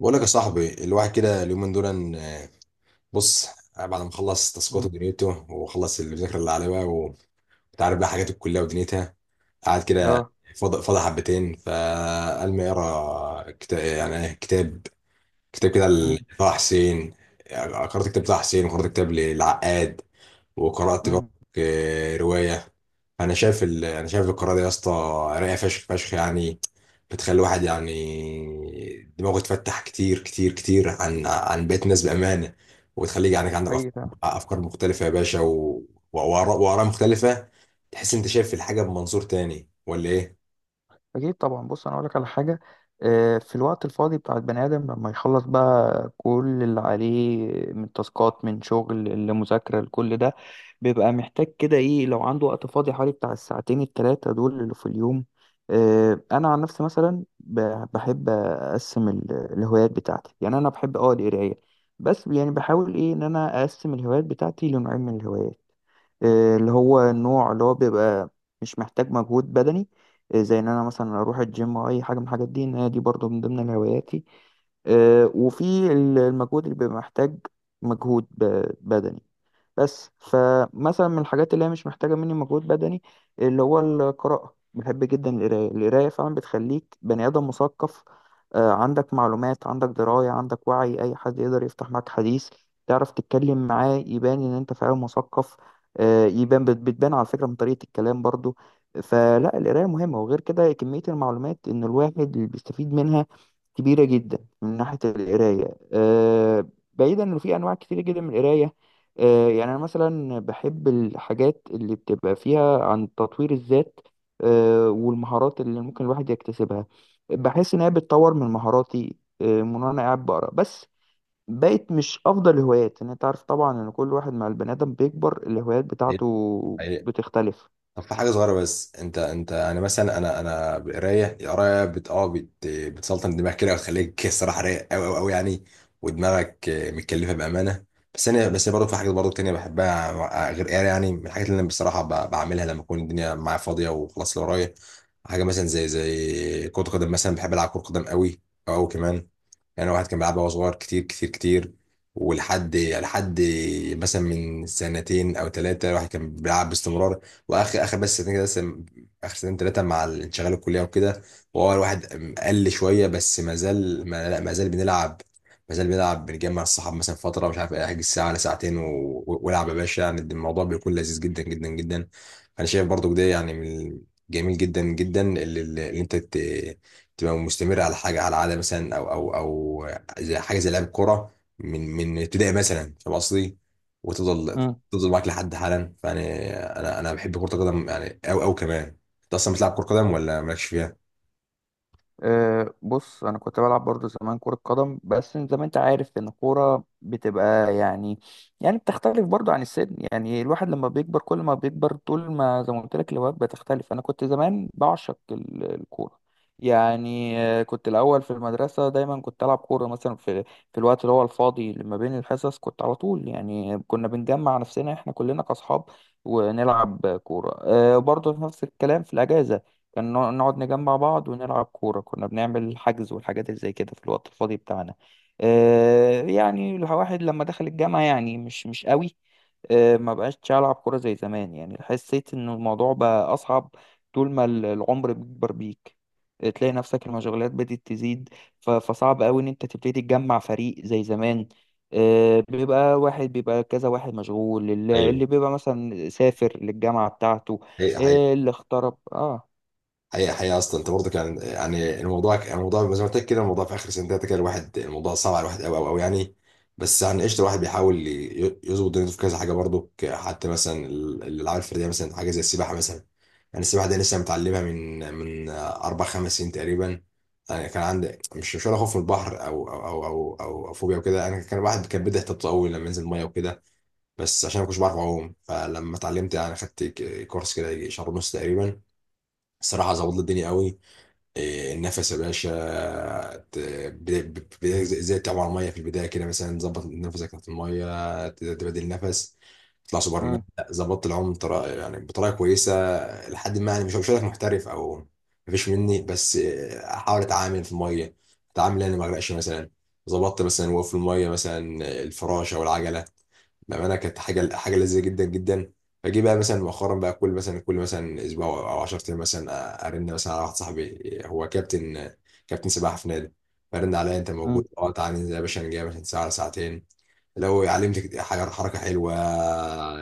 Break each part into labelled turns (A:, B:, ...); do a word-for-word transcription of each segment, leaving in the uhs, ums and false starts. A: بقول لك يا صاحبي الواحد كده اليومين دول إن- آه، بص. آه، بعد ما اخلص تاسكاته
B: مم.
A: ودنيته واخلص المذاكره اللي عليه بقى وانت عارف بقى حاجات الكليه ودنيتها، قاعد كده
B: اه
A: فاضي فاضي حبتين، فقال ما اقرا كتاب. يعني إيه، كتاب كتاب كده
B: مم.
A: لطه حسين. آه، قرأت كتاب طه حسين وقرأت كتاب للعقاد وقرأت برضك
B: مم.
A: آه، رواية. أنا شايف ال... أنا شايف القراءة دي يا اسطى رايقة فشخ فشخ يعني، بتخلي الواحد يعني دماغه يتفتح كتير كتير كتير عن عن بقية الناس بأمانة، وتخليك يعني عندك
B: حقيقي
A: أفكار
B: فعلا.
A: أفكار مختلفة يا باشا، و... وآراء وآراء مختلفة. تحس أنت شايف الحاجة بمنظور تاني ولا إيه؟
B: أكيد طبعا، بص، أنا أقولك على حاجة. آه، في الوقت الفاضي بتاع البني آدم لما يخلص بقى كل اللي عليه، من تاسكات، من شغل، لمذاكرة، لكل ده، بيبقى محتاج كده إيه لو عنده وقت فاضي حوالي بتاع الساعتين التلاتة دول اللي في اليوم. آه، أنا عن نفسي مثلا ب- بحب أقسم ال- الهوايات بتاعتي. يعني أنا بحب أه القراية. بس يعني بحاول إيه إن أنا أقسم الهوايات بتاعتي لنوعين من الهوايات. آه، اللي هو النوع اللي هو بيبقى مش محتاج مجهود بدني. آه، زي ان انا مثلا اروح الجيم او اي حاجه من الحاجات دي، ان هي دي برضو من ضمن هواياتي. آه، وفي ال- المجهود اللي بيبقى محتاج مجهود ب- بدني. بس فمثلا من الحاجات اللي هي مش محتاجة مني مجهود بدني اللي هو القراءة، بحب جدا القراية. القراية فعلا بتخليك بني آدم مثقف. آه، عندك معلومات، عندك دراية، عندك وعي، أي حد يقدر يفتح معاك حديث، تعرف تتكلم معاه يبان إن أنت فعلا مثقف. آه، يبان بت- بتبان على فكرة من طريقة الكلام برضو. فلا القراية مهمة، وغير كده كمية المعلومات إن الواحد اللي بيستفيد منها كبيرة جدا من ناحية القراية. آه، بعيدا إنه في أنواع كتير جدا من القراية. آه، يعني أنا مثلا بحب الحاجات اللي بتبقى فيها عن تطوير الذات. آه، والمهارات اللي ممكن الواحد يكتسبها، بحس إن هي بتطور من مهاراتي. آه، من وأنا قاعد بقرا بس. بقت مش أفضل الهوايات. إن أنت عارف طبعا إن كل واحد مع البني آدم بيكبر الهوايات بتاعته
A: أيوة.
B: بتختلف.
A: طب في حاجة صغيرة بس، انت انت انا مثلا، انا انا قراية القراية بت اه بت بتسلطن دماغك كده، وتخليك الصراحة رايق قوي قوي قوي يعني، ودماغك آه، متكلفة بأمانة. بس انا بس برضه في حاجات برضه تانية بحبها آه، غير قراية. يعني من الحاجات اللي انا بصراحة ب- بعملها لما اكون الدنيا معايا فاضية وخلاص اللي ورايا، حاجة مثلا زي زي كرة قدم مثلا. بحب ألعب كرة قدم قوي، قوي كمان. يعني واحد كان بيلعبها وهو صغير كتير كتير كتير، ولحد لحد مثلا من سنتين او ثلاثه الواحد كان بيلعب باستمرار. واخر اخر بس سنتين كده بس- اخر سنتين ثلاثه مع الانشغال الكليه وكده، وهو الواحد قل شويه، بس ما زال ما, لا ما زال بنلعب. ما زال بنلعب، بنجمع الصحاب مثلا فتره، مش عارف إيه، احجز ساعه ولا ساعتين و- والعب يا باشا. يعني الموضوع بيكون لذيذ جدا جدا جدا. انا شايف برضو ده يعني من جميل جدا جدا اللي, اللي انت تبقى مستمرة على حاجة، على عادة مثلا، أو أو أو زي حاجة زي لعب الكورة من من ابتدائي مثلا. فاهم قصدي؟ وتفضل تفضل معاك لحد حالا. فيعني أنا أنا بحب كرة القدم يعني. أو أو كمان، أنت أصلا بتلعب كرة قدم ولا مالكش فيها؟
B: أه بص انا كنت بلعب برضو زمان كرة قدم. بس زي ما انت عارف ان الكورة بتبقى يعني، يعني بتختلف برضو عن السن. يعني الواحد لما بيكبر كل ما بيكبر، طول ما زي ما قلت لك الهوايات بتختلف. انا كنت زمان بعشق ال- الكورة. يعني آه، كنت الاول في المدرسة، دايما كنت العب كورة مثلا في في الوقت اللي هو الفاضي لما بين الحصص. كنت على طول يعني كنا بنجمع نفسنا احنا كلنا كاصحاب ونلعب كورة. أه برضو نفس الكلام في الاجازة. كان نوع- نقعد نجمع بعض ونلعب كورة. كنا بنعمل حجز والحاجات اللي زي كده في الوقت الفاضي بتاعنا. آه، يعني الواحد لما دخل الجامعة يعني مش مش قوي. آه، ما بقاش ألعب كورة زي زمان. يعني حسيت إن الموضوع بقى أصعب. طول ما ال- العمر بيكبر بيك. آه، تلاقي نفسك المشغولات بدأت تزيد. ف- فصعب قوي إن أنت تبتدي تجمع فريق زي زمان. آه، بيبقى واحد، بيبقى كذا واحد مشغول، اللي
A: ايوه.
B: اللي بيبقى مثلا سافر للجامعة بتاعته.
A: هي
B: آه، اللي اغترب، اه.
A: حقيقة، حقيقة أصلا أنت برضه كان يعني الموضوع ك- الموضوع زي ما قلت لك كده، الموضوع في آخر سنتين تلاتة كده الواحد الموضوع صعب على الواحد أوي أوي أوي يعني. بس يعني قشطة، الواحد بيحاول ي- يظبط دنيته في كذا حاجة برضه، ك- حتى مثلا ال- الألعاب الفردية مثلا، حاجة زي السباحة مثلا. يعني السباحة دي لسه متعلمها من من أربع خمس سنين تقريبا. يعني كان عندي مش مش ولا خوف من البحر أو أو أو أو أو, أو فوبيا وكده. أنا كان الواحد كان بيبدأ يحتبط أوي لما ينزل المية وكده، بس عشان ما كنتش بعرف أعوم. فلما اتعلمت يعني، خدت ك- كورس كده يجي شهر ونص تقريبا، الصراحة ظبط لي الدنيا أوي. إيه، النفس يا باشا ت- ب- ب- ب- زي زي تعبر ميه في البدايه كده مثلا، ظبط نفسك تحت الميه، ت- تبدل نفس، تطلع سوبر مان.
B: مم.
A: لا، ظبطت العوم بطريقه يعني بطريقه كويسه، لحد ما يعني مش مش هقول لك محترف او مفيش مني، بس إيه، احاول اتعامل في الميه. اتعامل انا ما اغرقش مثلا، ظبطت مثلا وقف في الميه مثلا، الفراشه والعجله. بامانه كانت حاجه حاجه لذيذه جدا جدا. فجي بقى مثلا مؤخرا بقى كل مثلا، كل مثلا اسبوع او عشرة ايام مثلا، ارن مثلا على واحد صاحبي، هو كابتن، كابتن سباحه في نادي. فرن عليا، انت موجود؟
B: مم.
A: اه، تعالى ننزل يا باشا، نجي يا باشا ساعه ولا ساعتين، لو علمتك حاجة- حركة حلوة،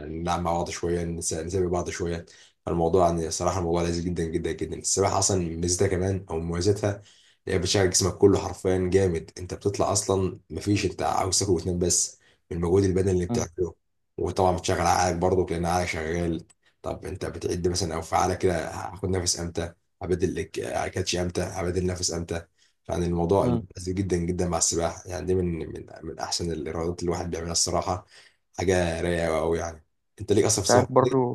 A: نلعب مع بعض شوية، نس- نسابق بعض شوية. الموضوع يعني صراحة الموضوع لذيذ جدا جدا جدا. السباحة أصلا ميزتها كمان أو مميزاتها، هي بتشغل جسمك كله حرفيا جامد. أنت بتطلع أصلا مفيش، أنت عاوز تاكل وتنام بس من المجهود البدني اللي
B: مم.
A: بتعمله، وطبعا بتشغل عقلك برضه لأن عقلك شغال. طب أنت بتعد مثلا أو فعالة كده هاخد نفس أمتى، هبدل الك- كاتش أمتى، هبدل نفس أمتى. يعني الموضوع
B: مم.
A: الموضوع لذيذ جدا جدا مع السباحة. يعني دي من من من أحسن الرياضات اللي الواحد بيعملها الصراحة، حاجة رايقة أوي يعني. أنت ليك أصلا في
B: انت
A: السباحة؟
B: عارف
A: لا،
B: برضو.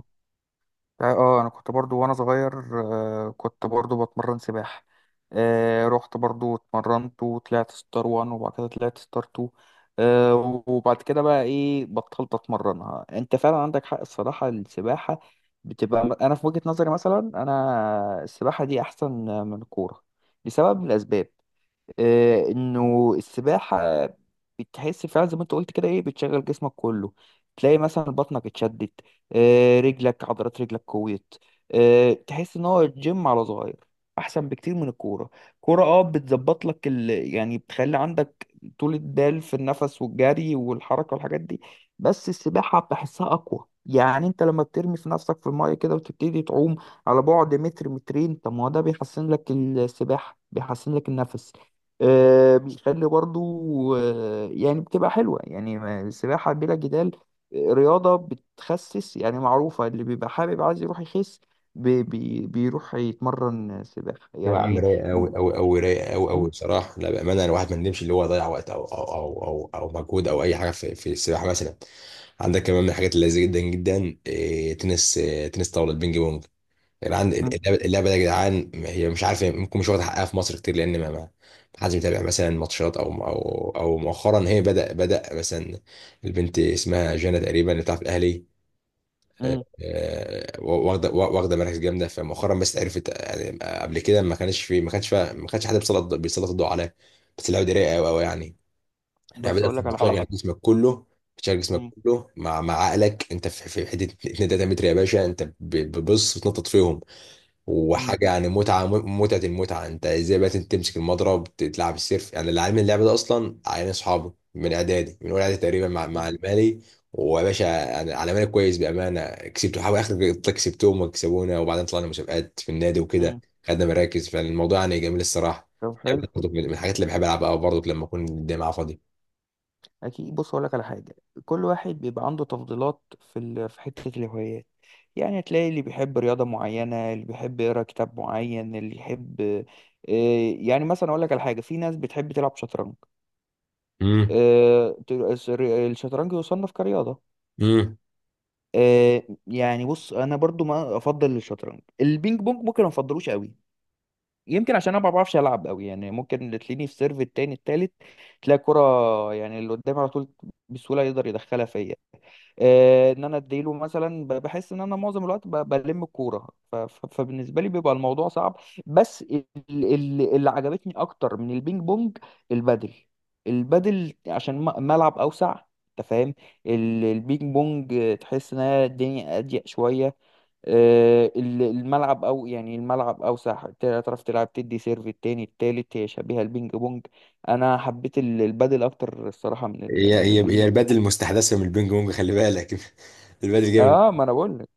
B: انت عارف- اه انا كنت برضو وانا صغير. آه كنت برضو بتمرن سباحة. آه رحت برضو اتمرنت وطلعت ستار وان، وبعد كده طلعت ستار تو. آه وبعد كده بقى ايه بطلت اتمرنها. انت فعلا عندك حق. الصراحة السباحة بتبقى انا في وجهة نظري مثلا، انا السباحة دي احسن من الكورة لسبب من الاسباب. آه، انه السباحه بتحس فعلا زي ما انت قلت كده ايه بتشغل جسمك كله. تلاقي مثلا بطنك اتشدت. آه، رجلك، عضلات رجلك قويت. آه، تحس ان هو الجيم على صغير احسن بكتير من الكوره. كوره اه بتظبط لك ال... يعني بتخلي عندك طول البال في النفس والجري والحركه والحاجات دي. بس السباحه بحسها اقوى. يعني انت لما بترمي في نفسك في المايه كده وتبتدي تعوم على بعد متر مترين، طب ما هو ده بيحسن لك السباحه، بيحسن لك النفس. آه، بيخلي برضو آه، يعني بتبقى حلوة. يعني ما- السباحة بلا جدال آه، رياضة بتخسس. يعني معروفة اللي بيبقى حابب عايز يروح يخس بي بي بيروح يتمرن سباحة
A: يا عم
B: يعني.
A: رايقة
B: م-
A: أوي أوي أوي، رايقة أوي أوي
B: م-
A: بصراحة، لا بأمانة الواحد ما ندمش اللي هو ضيع وقت أو أو أو أو, أو مجهود أو أي حاجة في، في السباحة مثلا. عندك كمان من الحاجات اللذيذة جدا جدا إيه، تنس، إيه تنس طاولة، البينج بونج. العند-
B: م-
A: اللعبه اللعبة دي يا جدعان، هي مش عارف، ممكن مش واخد حقها في مصر كتير، لان ما ما حدش بيتابع مثلا ماتشات او او او مؤخرا هي بدا بدا مثلا، البنت اسمها جانا تقريبا اللي بتلعب في الاهلي، آه،
B: م.
A: آه، واخده واخده مراكز جامده. فمؤخرا بس عرفت، يعني قبل كده ما كانش في ما كانش فيها- ما كانش حد بيسلط بيسلط الضوء عليها. بس اللعبه دي رايقه قوي قوي يعني. اللعبه
B: بس
A: دي
B: أقول لك على
A: بتشغل اه
B: حاجة.
A: جسمك كله، بتشغل جسمك
B: م-
A: كله مع مع عقلك. انت في في حته اتنين تلاتة متر يا باشا، انت ب- بتبص وتنطط فيهم،
B: م-
A: وحاجه يعني متعه م- متعه المتعه. انت ازاي بقى تمسك المضرب، تلعب السيرف. يعني اللي علمني اللعبه ده اصلا عيال اصحابي من اعدادي من اول اعدادي تقريبا، مع
B: م-
A: مع المالي، ويا باشا يعني على مالي كويس بامانه، كسبت حاول اخر كسبتهم وكسبونا، وبعدين طلعنا مسابقات في النادي وكده،
B: م.
A: خدنا مراكز، فالموضوع يعني جميل الصراحه.
B: طب حلو.
A: اللعبة برضه من من الحاجات اللي بحب العبها برضه لما اكون الجامعه فاضي.
B: اكيد بص اقول لك على حاجه. كل واحد بيبقى عنده تفضيلات في ال... في حته الهوايات. يعني هتلاقي اللي بيحب رياضه معينه، اللي بيحب يقرا كتاب معين، اللي يحب آه، يعني مثلا اقول لك على حاجه، في ناس بتحب تلعب شطرنج.
A: امم.
B: آه، ت- الشر- الشطرنج يصنف كرياضه.
A: امم.
B: آه، يعني بص انا برضو ما افضل الشطرنج. البينج بونج ممكن ما افضلوش قوي. يمكن عشان انا ما بعرفش العب قوي. يعني ممكن تلاقيني في سيرف التاني التالت، تلاقي كرة يعني اللي قدامي على طول بسهولة يقدر يدخلها فيا. آه، ان انا اديله مثلا ب- بحس ان انا معظم الوقت ب- بلم الكوره. ف- ف- فبالنسبه لي بيبقى الموضوع صعب. بس ال- ال- اللي عجبتني اكتر من البينج بونج البادل. البادل عشان م- ملعب اوسع، انت فاهم. ال- البينج بونج آه، تحس ان هي الدنيا اضيق شويه. آه، ال- الملعب او يعني الملعب اوسع تعرف تلعب تدي سيرف التاني التالت، هي شبيهه البينج بونج. انا حبيت ال- البادل اكتر الصراحه من ال-
A: هي
B: من
A: هي هي
B: البينج بونج.
A: البادل المستحدثه من البينج بونج، خلي بالك. البادل جامد.
B: اه ما انا بقول لك.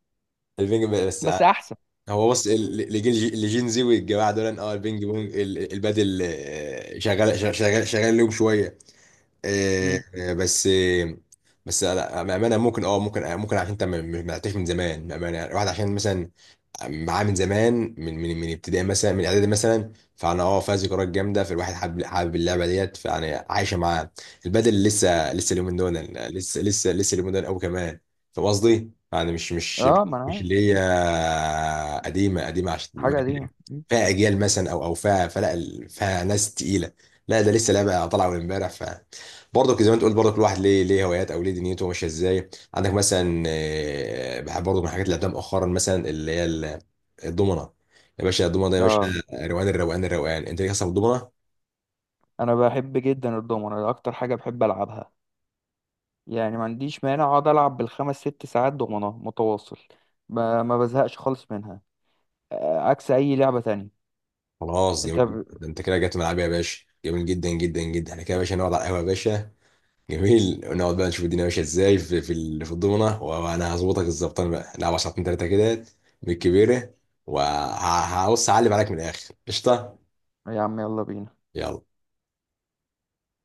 A: البينج بس.
B: بس احسن.
A: هو بص، ال- ال- الجيل اللي جين زي والجماعه دول، إن اه البينج بونج، ال- ال- البادل آه، شغال شغال شغال شغال لهم شويه. آه،
B: مم.
A: آه، بس آه، بس لا بامانه، ممكن اه ممكن آه، ممكن عشان انت ما ما- ما لعبتهاش من زمان بامانه. يعني الواحد عشان مثلا معاه من زمان من من من ابتدائي مثلا، من اعدادي مثلا، فانا اه فيها ذكريات جامده، فالواحد حابب حابب اللعبه ديت، فانا عايشه معاه. البدل لسه لسه اليومين دول، لسه لسه لسه اليومين دول قوي كمان. فاهم قصدي؟ يعني مش مش
B: اه ما انا
A: مش
B: عارف.
A: اللي هي قديمه، قديمه عشان
B: حاجه قديمه. مم.
A: فيها اجيال مثلا او او فيها، فلا ال- فيها ناس تقيله. لا ده لسه لعبه طالعه من امبارح. ف برضه زي ما انت قلت، برضه كل واحد ليه ليه هوايات او ليه دنيته ماشيه ازاي. عندك مثلا آه، بحب برضه من الحاجات اللي لعبتها مؤخرا مثلا اللي هي الضمنه. يا باشا الضمنه ده يا باشا،
B: اه
A: روقان، الروقان الروقان. انت ليك اصلا في الضمنه؟
B: انا بحب جدا الدومنه. ده اكتر حاجه بحب العبها. يعني ما عنديش مانع اقعد العب بالخمس ست ساعات دومنه متواصل. ما, ما بزهقش خالص منها. آه، عكس اي لعبه تانية.
A: خلاص جميل
B: انت
A: جدا،
B: ب...
A: ده انت كده جت ملعبي يا باشا، جميل جدا جدا جدا. احنا كده يا باشا نقعد على القهوه يا باشا، جميل، ونقعد بقى نشوف الدنيا ماشيه ازاي في في ال- في الضمنه، وانا هظبطك الزبطان، بقى نلعب ساعتين ثلاثه كده بالكبيره، وهبص اعلم عليك من الاخر، قشطه.
B: يا عم يلا بينا.
A: يلا.